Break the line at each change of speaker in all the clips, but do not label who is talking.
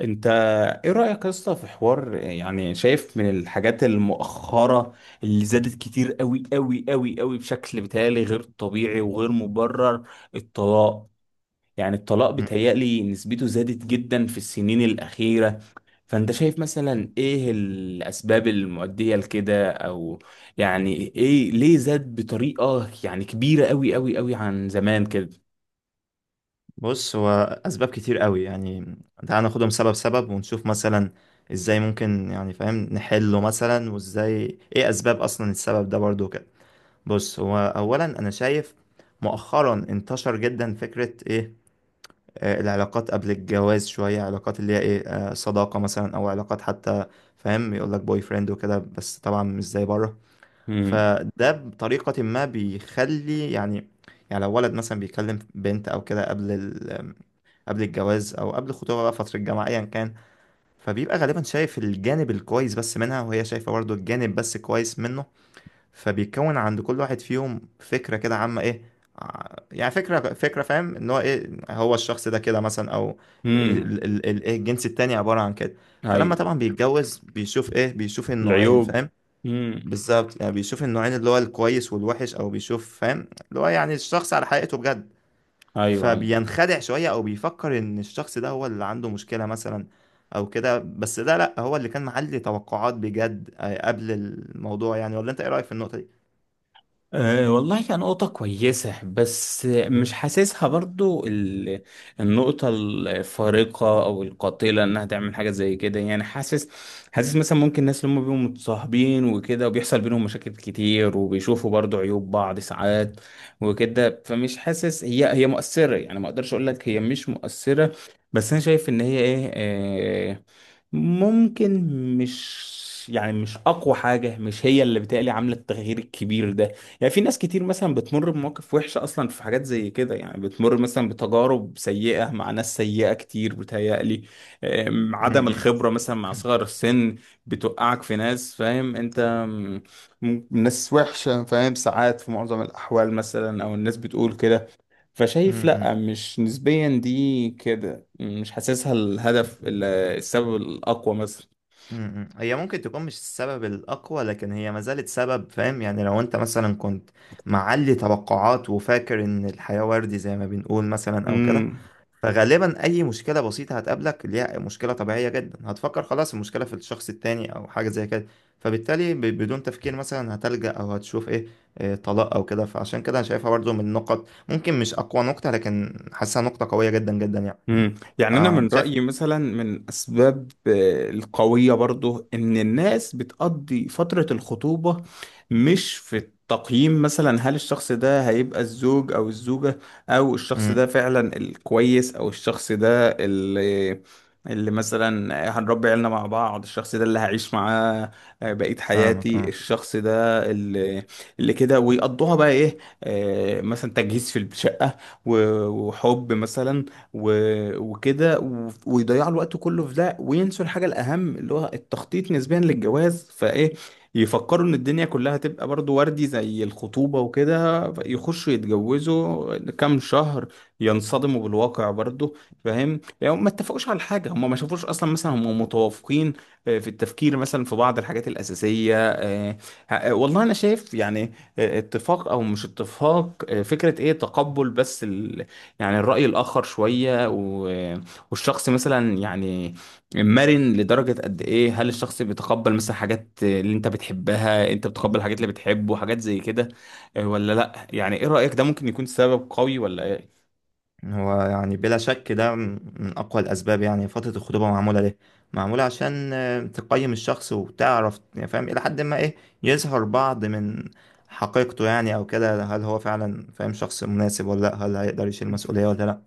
انت، ايه رأيك يا اسطى في حوار؟ يعني شايف من الحاجات المؤخرة اللي زادت كتير قوي قوي قوي قوي بشكل بيتهيألي غير طبيعي وغير مبرر؟ الطلاق، يعني الطلاق
مم.
بيتهيألي نسبته زادت جدا في السنين الأخيرة. فانت شايف مثلا ايه الأسباب المؤدية لكده، او يعني ايه ليه زاد بطريقة يعني كبيرة قوي قوي قوي عن زمان كده؟
بص هو اسباب كتير قوي يعني. تعال ناخدهم سبب سبب ونشوف مثلا ازاي ممكن يعني فاهم نحله مثلا، وازاي ايه اسباب، اصلا السبب ده برضو كده. بص هو اولا انا شايف مؤخرا انتشر جدا فكرة ايه آه، العلاقات قبل الجواز، شوية علاقات اللي هي ايه آه، صداقة مثلا او علاقات حتى. فاهم، يقول لك بوي فريند وكده، بس طبعا مش زي بره.
امم.
فده بطريقة ما بيخلي يعني، يعني لو ولد مثلا بيكلم بنت او كده قبل، قبل الجواز او قبل الخطوبه، بقى فتره الجامعه ايا كان. فبيبقى غالبا شايف الجانب الكويس بس منها، وهي شايفه برضو الجانب بس كويس منه. فبيكون عند كل واحد فيهم فكره كده عامه ايه، يعني فكره فاهم ان هو ايه، هو الشخص ده كده مثلا، او
امم.
إيه الجنس التاني عباره عن كده. فلما
ايوه.
طبعا بيتجوز بيشوف ايه، بيشوف النوعين،
العيوب.
فاهم.
امم.
بالظبط يعني بيشوف النوعين اللي هو الكويس والوحش، او بيشوف فاهم اللي هو يعني الشخص على حقيقته بجد.
ايوه.
فبينخدع شوية، أو بيفكر إن الشخص ده هو اللي عنده مشكلة مثلا أو كده، بس ده لأ، هو اللي كان معلي توقعات بجد آه، قبل الموضوع يعني. ولا أنت إيه رأيك في النقطة دي؟
أه والله كان نقطة كويسة، بس مش حاسسها برضو النقطة الفارقة أو القاتلة إنها تعمل حاجة زي كده. يعني حاسس مثلا ممكن الناس اللي هم بيبقوا متصاحبين وكده وبيحصل بينهم مشاكل كتير، وبيشوفوا برضو عيوب بعض ساعات وكده. فمش حاسس هي مؤثرة، يعني ما أقدرش أقول لك هي مش مؤثرة، بس أنا شايف إن هي إيه، أه، ممكن مش، يعني مش أقوى حاجة، مش هي اللي بتقلي عاملة التغيير الكبير ده. يعني في ناس كتير مثلا بتمر بمواقف وحشة أصلا في حاجات زي كده، يعني بتمر مثلا بتجارب سيئة مع ناس سيئة كتير بتهيألي.
م-
عدم
م-
الخبرة مثلا مع صغر السن بتوقعك في ناس، فاهم أنت، م- ناس وحشة فاهم ساعات في معظم الأحوال، مثلا أو الناس بتقول كده. فشايف
م-
لأ، مش نسبيا دي كده، مش حاسسها الهدف السبب الأقوى مثلا.
م- م. هي ممكن تكون مش السبب الأقوى، لكن هي ما زالت سبب. فاهم يعني لو أنت مثلا كنت معلي توقعات وفاكر إن الحياة وردي زي ما بنقول مثلا أو كده،
امم.
فغالبا اي مشكله بسيطه هتقابلك ليها، مشكله طبيعيه جدا، هتفكر خلاص المشكله في الشخص التاني او حاجه زي كده. فبالتالي بدون تفكير مثلا هتلجأ او هتشوف ايه، إيه، طلاق او كده. فعشان كده انا شايفها برضو من النقط، ممكن مش اقوى نقطه، لكن حاسسها نقطه قويه جدا جدا يعني.
يعني انا
آه
من
شايف.
رايي مثلا من اسباب القويه برضو ان الناس بتقضي فتره الخطوبه مش في التقييم، مثلا هل الشخص ده هيبقى الزوج او الزوجه، او الشخص ده
امم.
فعلا الكويس، او الشخص ده اللي، اللي مثلا هنربي عيالنا مع بعض، الشخص ده اللي هعيش معاه بقية
فاهمك
حياتي،
اه.
الشخص ده اللي، اللي كده ويقضوها بقى ايه، مثلا تجهيز في الشقة، وحب مثلا وكده ويضيعوا الوقت كله في ده وينسوا الحاجة الأهم اللي هو التخطيط نسبيا للجواز. فإيه، يفكروا إن الدنيا كلها هتبقى برضو وردي زي الخطوبة وكده، يخشوا يتجوزوا كام شهر ينصدموا بالواقع برضو. فاهم، يعني ما اتفقوش على حاجة، هم ما شافوش أصلا مثلا هم متوافقين في التفكير مثلا في بعض الحاجات الأساسية. والله أنا شايف يعني، اتفاق أو مش اتفاق، فكرة إيه، تقبل بس، يعني الرأي الآخر شوية، و... والشخص مثلا يعني مرن لدرجة قد إيه. هل الشخص بيتقبل مثلا حاجات اللي أنت بتحبها، أنت بتقبل الحاجات اللي بتحبه، حاجات زي كده، ولا لأ؟ يعني إيه رأيك؟ ده ممكن يكون سبب قوي ولا إيه؟
هو يعني بلا شك ده من أقوى الأسباب. يعني فترة الخطوبة معمولة ليه؟ معمولة عشان آه، تقيم الشخص وتعرف يعني فاهم إلى حد ما إيه، يظهر بعض من حقيقته يعني أو كده. هل هو فعلا فاهم شخص مناسب ولا لأ، هل هيقدر يشيل مسؤولية ولا لأ،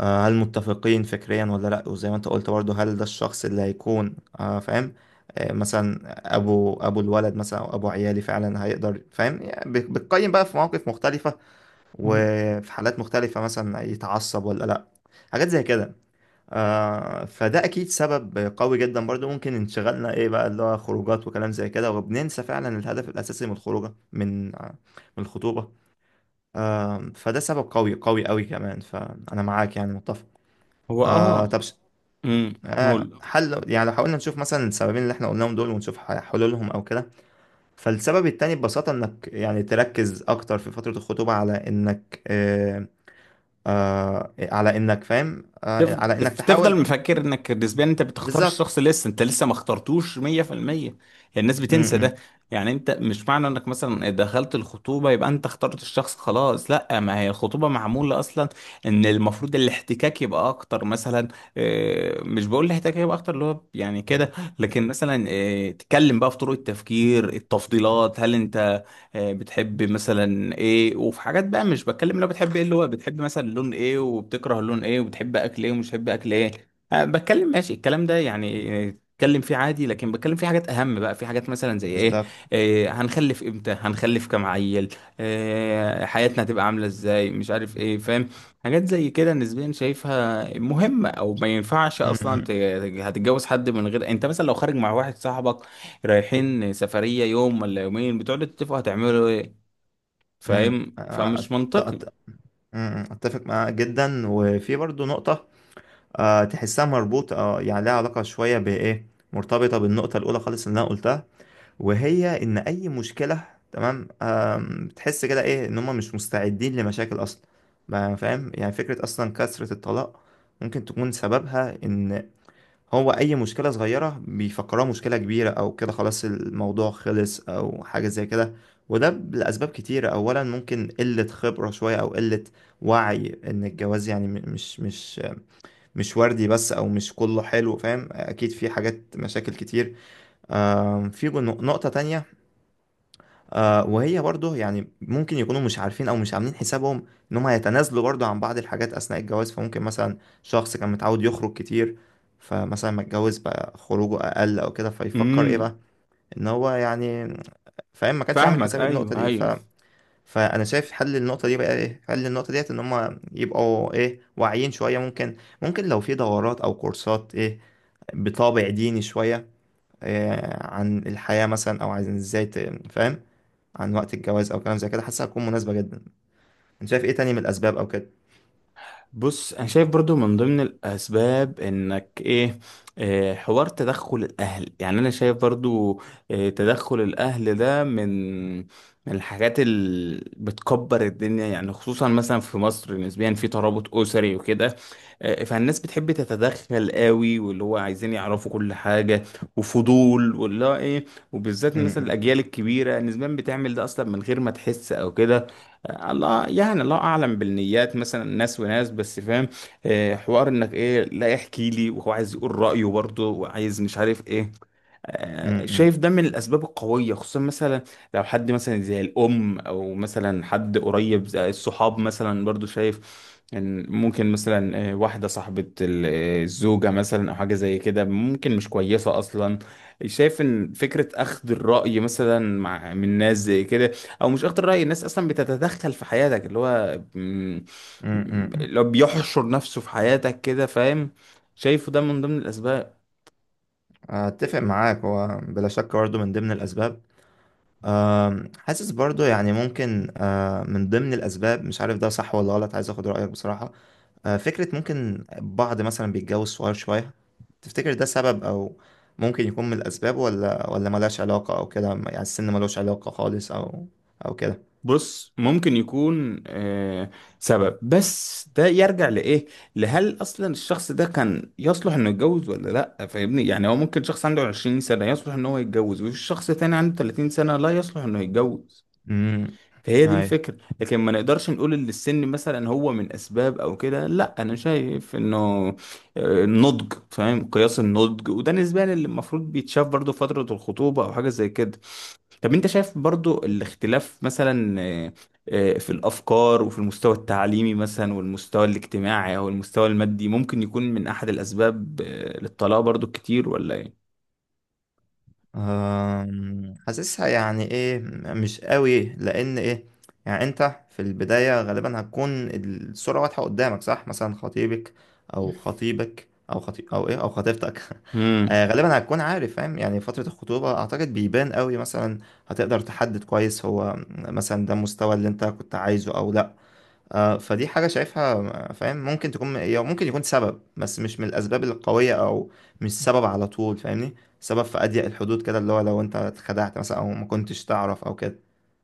آه، هل متفقين فكريا ولا لأ. وزي ما أنت قلت برضه، هل ده الشخص اللي هيكون آه، فاهم آه، مثلا أبو الولد مثلا أو أبو عيالي فعلا، هيقدر فاهم يعني. بتقيم بقى في مواقف مختلفة وفي حالات مختلفة، مثلا يتعصب ولا لأ، حاجات زي كده. آه فده أكيد سبب قوي جدا برضو. ممكن انشغالنا إيه بقى، اللي هو خروجات وكلام زي كده، وبننسى فعلا الهدف الأساسي من الخروجة من آه، من الخطوبة. آه فده سبب قوي قوي قوي كمان، فأنا معاك يعني متفق.
هو
آه
آه.
طب ش-
امم.
آه حل، يعني لو حاولنا نشوف مثلا السببين اللي احنا قلناهم دول، ونشوف حلولهم أو كده. فالسبب التاني ببساطة إنك يعني تركز أكتر في فترة الخطوبة على إنك آه، على انك فاهم
تف-
على انك
تف- تفضل
تحاول.
مفكر انك نسبيا انت بتختار
بالظبط.
الشخص لسه، انت لسه ما اخترتوش 100%. الناس
م-
بتنسى ده.
م،
يعني انت مش معنى انك مثلا دخلت الخطوبة يبقى انت اخترت الشخص خلاص، لا، ما هي الخطوبة معمولة اصلا ان المفروض الاحتكاك يبقى اكتر مثلا. مش بقول الاحتكاك يبقى اكتر اللي هو يعني كده، لكن مثلا تتكلم بقى في طرق التفكير، التفضيلات، هل انت بتحب مثلا ايه. وفي حاجات بقى مش بتكلم لو بتحب ايه، اللي هو بتحب مثلا لون ايه وبتكره لون ايه وبتحب اكل ايه ومش بتحب اكل ايه. أه بتكلم، ماشي الكلام ده، يعني اتكلم فيه عادي، لكن بتكلم فيه حاجات اهم بقى. في حاجات مثلا زي ايه،
بالظبط.
إيه، هنخلف امتى، هنخلف كام عيل، إيه حياتنا هتبقى عامله ازاي، مش عارف ايه، فاهم؟ حاجات زي كده نسبيا شايفها مهمه، او ما ينفعش
م-
اصلا
م-
هتتجوز حد من غير، انت مثلا لو خارج مع واحد صاحبك رايحين سفرية يوم ولا يومين بتقعدوا تتفقوا هتعملوا ايه،
م.
فاهم؟
آه،
فمش
أت-
منطقي.
أت- م- م. اتفق معاك جدا. وفي برضو نقطة آه تحسها مربوطة آه، يعني لها علاقة شوية بإيه، مرتبطة بالنقطة الأولى خالص اللي أنا قلتها. وهي إن أي مشكلة، تمام آم، بتحس كده إيه، إن هما مش مستعدين لمشاكل أصلا. ما فاهم يعني، فكرة أصلا كثرة الطلاق ممكن تكون سببها إن هو اي مشكله صغيره بيفكروها مشكله كبيره او كده، خلاص الموضوع خلص او حاجه زي كده. وده لاسباب كتيره. اولا ممكن قله خبره شويه، او قله وعي ان الجواز يعني مش مش وردي بس، او مش كله حلو. فاهم، اكيد في حاجات مشاكل كتير. آم، في نقطه تانية آه، وهي برضه يعني ممكن يكونوا مش عارفين او مش عاملين حسابهم ان هم هيتنازلوا برضه عن بعض الحاجات اثناء الجواز. فممكن مثلا شخص كان متعود يخرج كتير، فمثلا ما اتجوز بقى خروجه اقل او كده، فيفكر ايه
امم.
بقى ان هو يعني فاهم ما كانش عامل
فاهمك،
حساب النقطة
ايوه،
دي ف...
ايوه.
فانا شايف حل النقطة دي بقى ايه. حل النقطة ديت ان هم يبقوا ايه، واعيين شوية. ممكن، ممكن لو في دورات او كورسات ايه بطابع ديني شوية إيه، عن الحياة مثلا، أو عن إزاي فاهم عن وقت الجواز او كلام زي كده، حاسسها هتكون مناسبه جدا. انت شايف ايه تاني من الاسباب او كده؟
بص، انا شايف برضو من ضمن الاسباب انك ايه، حوار تدخل الاهل. يعني انا شايف برضو تدخل الاهل ده من من الحاجات اللي بتكبر الدنيا، يعني خصوصا مثلا في مصر نسبيا في ترابط اسري وكده. فالناس بتحب تتدخل قوي، واللي هو عايزين يعرفوا كل حاجة وفضول واللي هو ايه. وبالذات مثلا
امم.
الاجيال الكبيرة نسبيا بتعمل ده اصلا من غير ما تحس او كده. الله، يعني الله اعلم بالنيات، مثلا ناس وناس، بس فاهم، حوار انك ايه، لا احكي لي، وهو عايز يقول رايه برضه، وعايز مش عارف ايه. شايف
امم.
ده من الأسباب القوية، خصوصا مثلا لو حد مثلا زي الأم، أو مثلا حد قريب زي الصحاب مثلا، برضو شايف إن ممكن مثلا واحدة صاحبة الزوجة مثلا أو حاجة زي كده ممكن مش كويسة أصلا. شايف إن فكرة أخذ الرأي مثلا مع من ناس زي كده، أو مش أخذ الرأي، الناس أصلا بتتدخل في حياتك، اللي هو
امم.
اللي هو بيحشر نفسه في حياتك كده، فاهم؟ شايفه ده من ضمن الأسباب.
اتفق معاك، هو بلا شك برضه من ضمن الاسباب. أم، حاسس برضو يعني ممكن آه، من ضمن الأسباب، مش عارف ده صح ولا غلط، عايز أخد رأيك بصراحة. آه، فكرة ممكن بعض مثلا بيتجوز صغير شوية، تفتكر ده سبب، أو ممكن يكون من الأسباب، ولا ملهاش علاقة أو كده؟ يعني السن ملوش علاقة خالص أو أو كده.
بص، ممكن يكون آه سبب، بس ده يرجع لإيه؟ لهل أصلا الشخص ده كان يصلح إنه يتجوز ولا لأ؟ فاهمني؟ يعني هو ممكن شخص عنده 20 سنة يصلح إن هو يتجوز، وفي شخص تاني عنده 30 سنة لا يصلح إنه يتجوز.
امم.
فهي دي الفكرة، لكن ما نقدرش نقول إن السن مثلا هو من أسباب أو كده. لأ، أنا شايف إنه النضج، فاهم؟ قياس النضج، وده نسبيا اللي المفروض بيتشاف برضه في فترة الخطوبة أو حاجة زي كده. طب انت شايف برضو الاختلاف مثلا في الافكار وفي المستوى التعليمي مثلا والمستوى الاجتماعي او المستوى المادي، ممكن يكون من احد الاسباب للطلاق برضو كتير ولا ايه؟
أم، حاسسها يعني ايه، مش قوي، لان ايه، يعني انت في البداية غالبا هتكون الصورة واضحة قدامك، صح؟ مثلا خطيبك او خطيبك او خطي او ايه او خطيبتك آه،
امم.
غالبا هتكون عارف فاهم يعني. فترة الخطوبة اعتقد بيبان قوي مثلا، هتقدر تحدد كويس هو مثلا ده المستوى اللي انت كنت عايزه او لا. آه، فدي حاجة شايفها آه، فاهم ممكن تكون هي، ممكن يكون سبب بس مش من الأسباب القوية، أو مش سبب على طول فاهمني. سبب في أضيق الحدود كده، اللي هو لو أنت اتخدعت مثلا أو ما كنتش تعرف أو كده.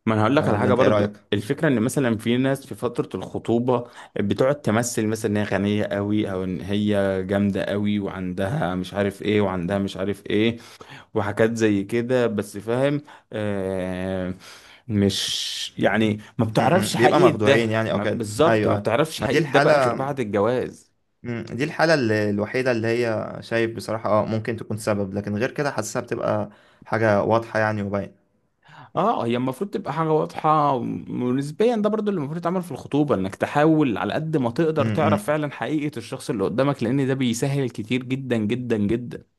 ما انا هقول لك
آه،
على
اللي
حاجه
أنت إيه رأيك؟
برضو. الفكره ان مثلا في ناس في فتره الخطوبه بتقعد تمثل مثلا ان هي غنيه قوي، او ان هي جامده قوي، وعندها مش عارف ايه، وعندها مش عارف ايه، وحاجات زي كده بس، فاهم آه. مش يعني ما
م- م.
بتعرفش
بيبقى
حقيقة
مخدوعين
ده
يعني أو كده.
بالظبط،
أيوه
ما
أيوه.
بتعرفش
ما دي
حقيقة ده بقى غير
الحالة،
بعد الجواز.
دي الحالة اللي الوحيدة اللي هي شايف بصراحة أه ممكن تكون سبب، لكن غير كده حاسسها بتبقى حاجة واضحة يعني وباينة.
اه، هي المفروض تبقى حاجة واضحة، ونسبيا ده برضو اللي المفروض يتعمل في الخطوبة، انك تحاول على قد ما
م-
تقدر تعرف
م.
فعلا حقيقة الشخص اللي قدامك، لان ده بيسهل كتير جدا جدا جدا.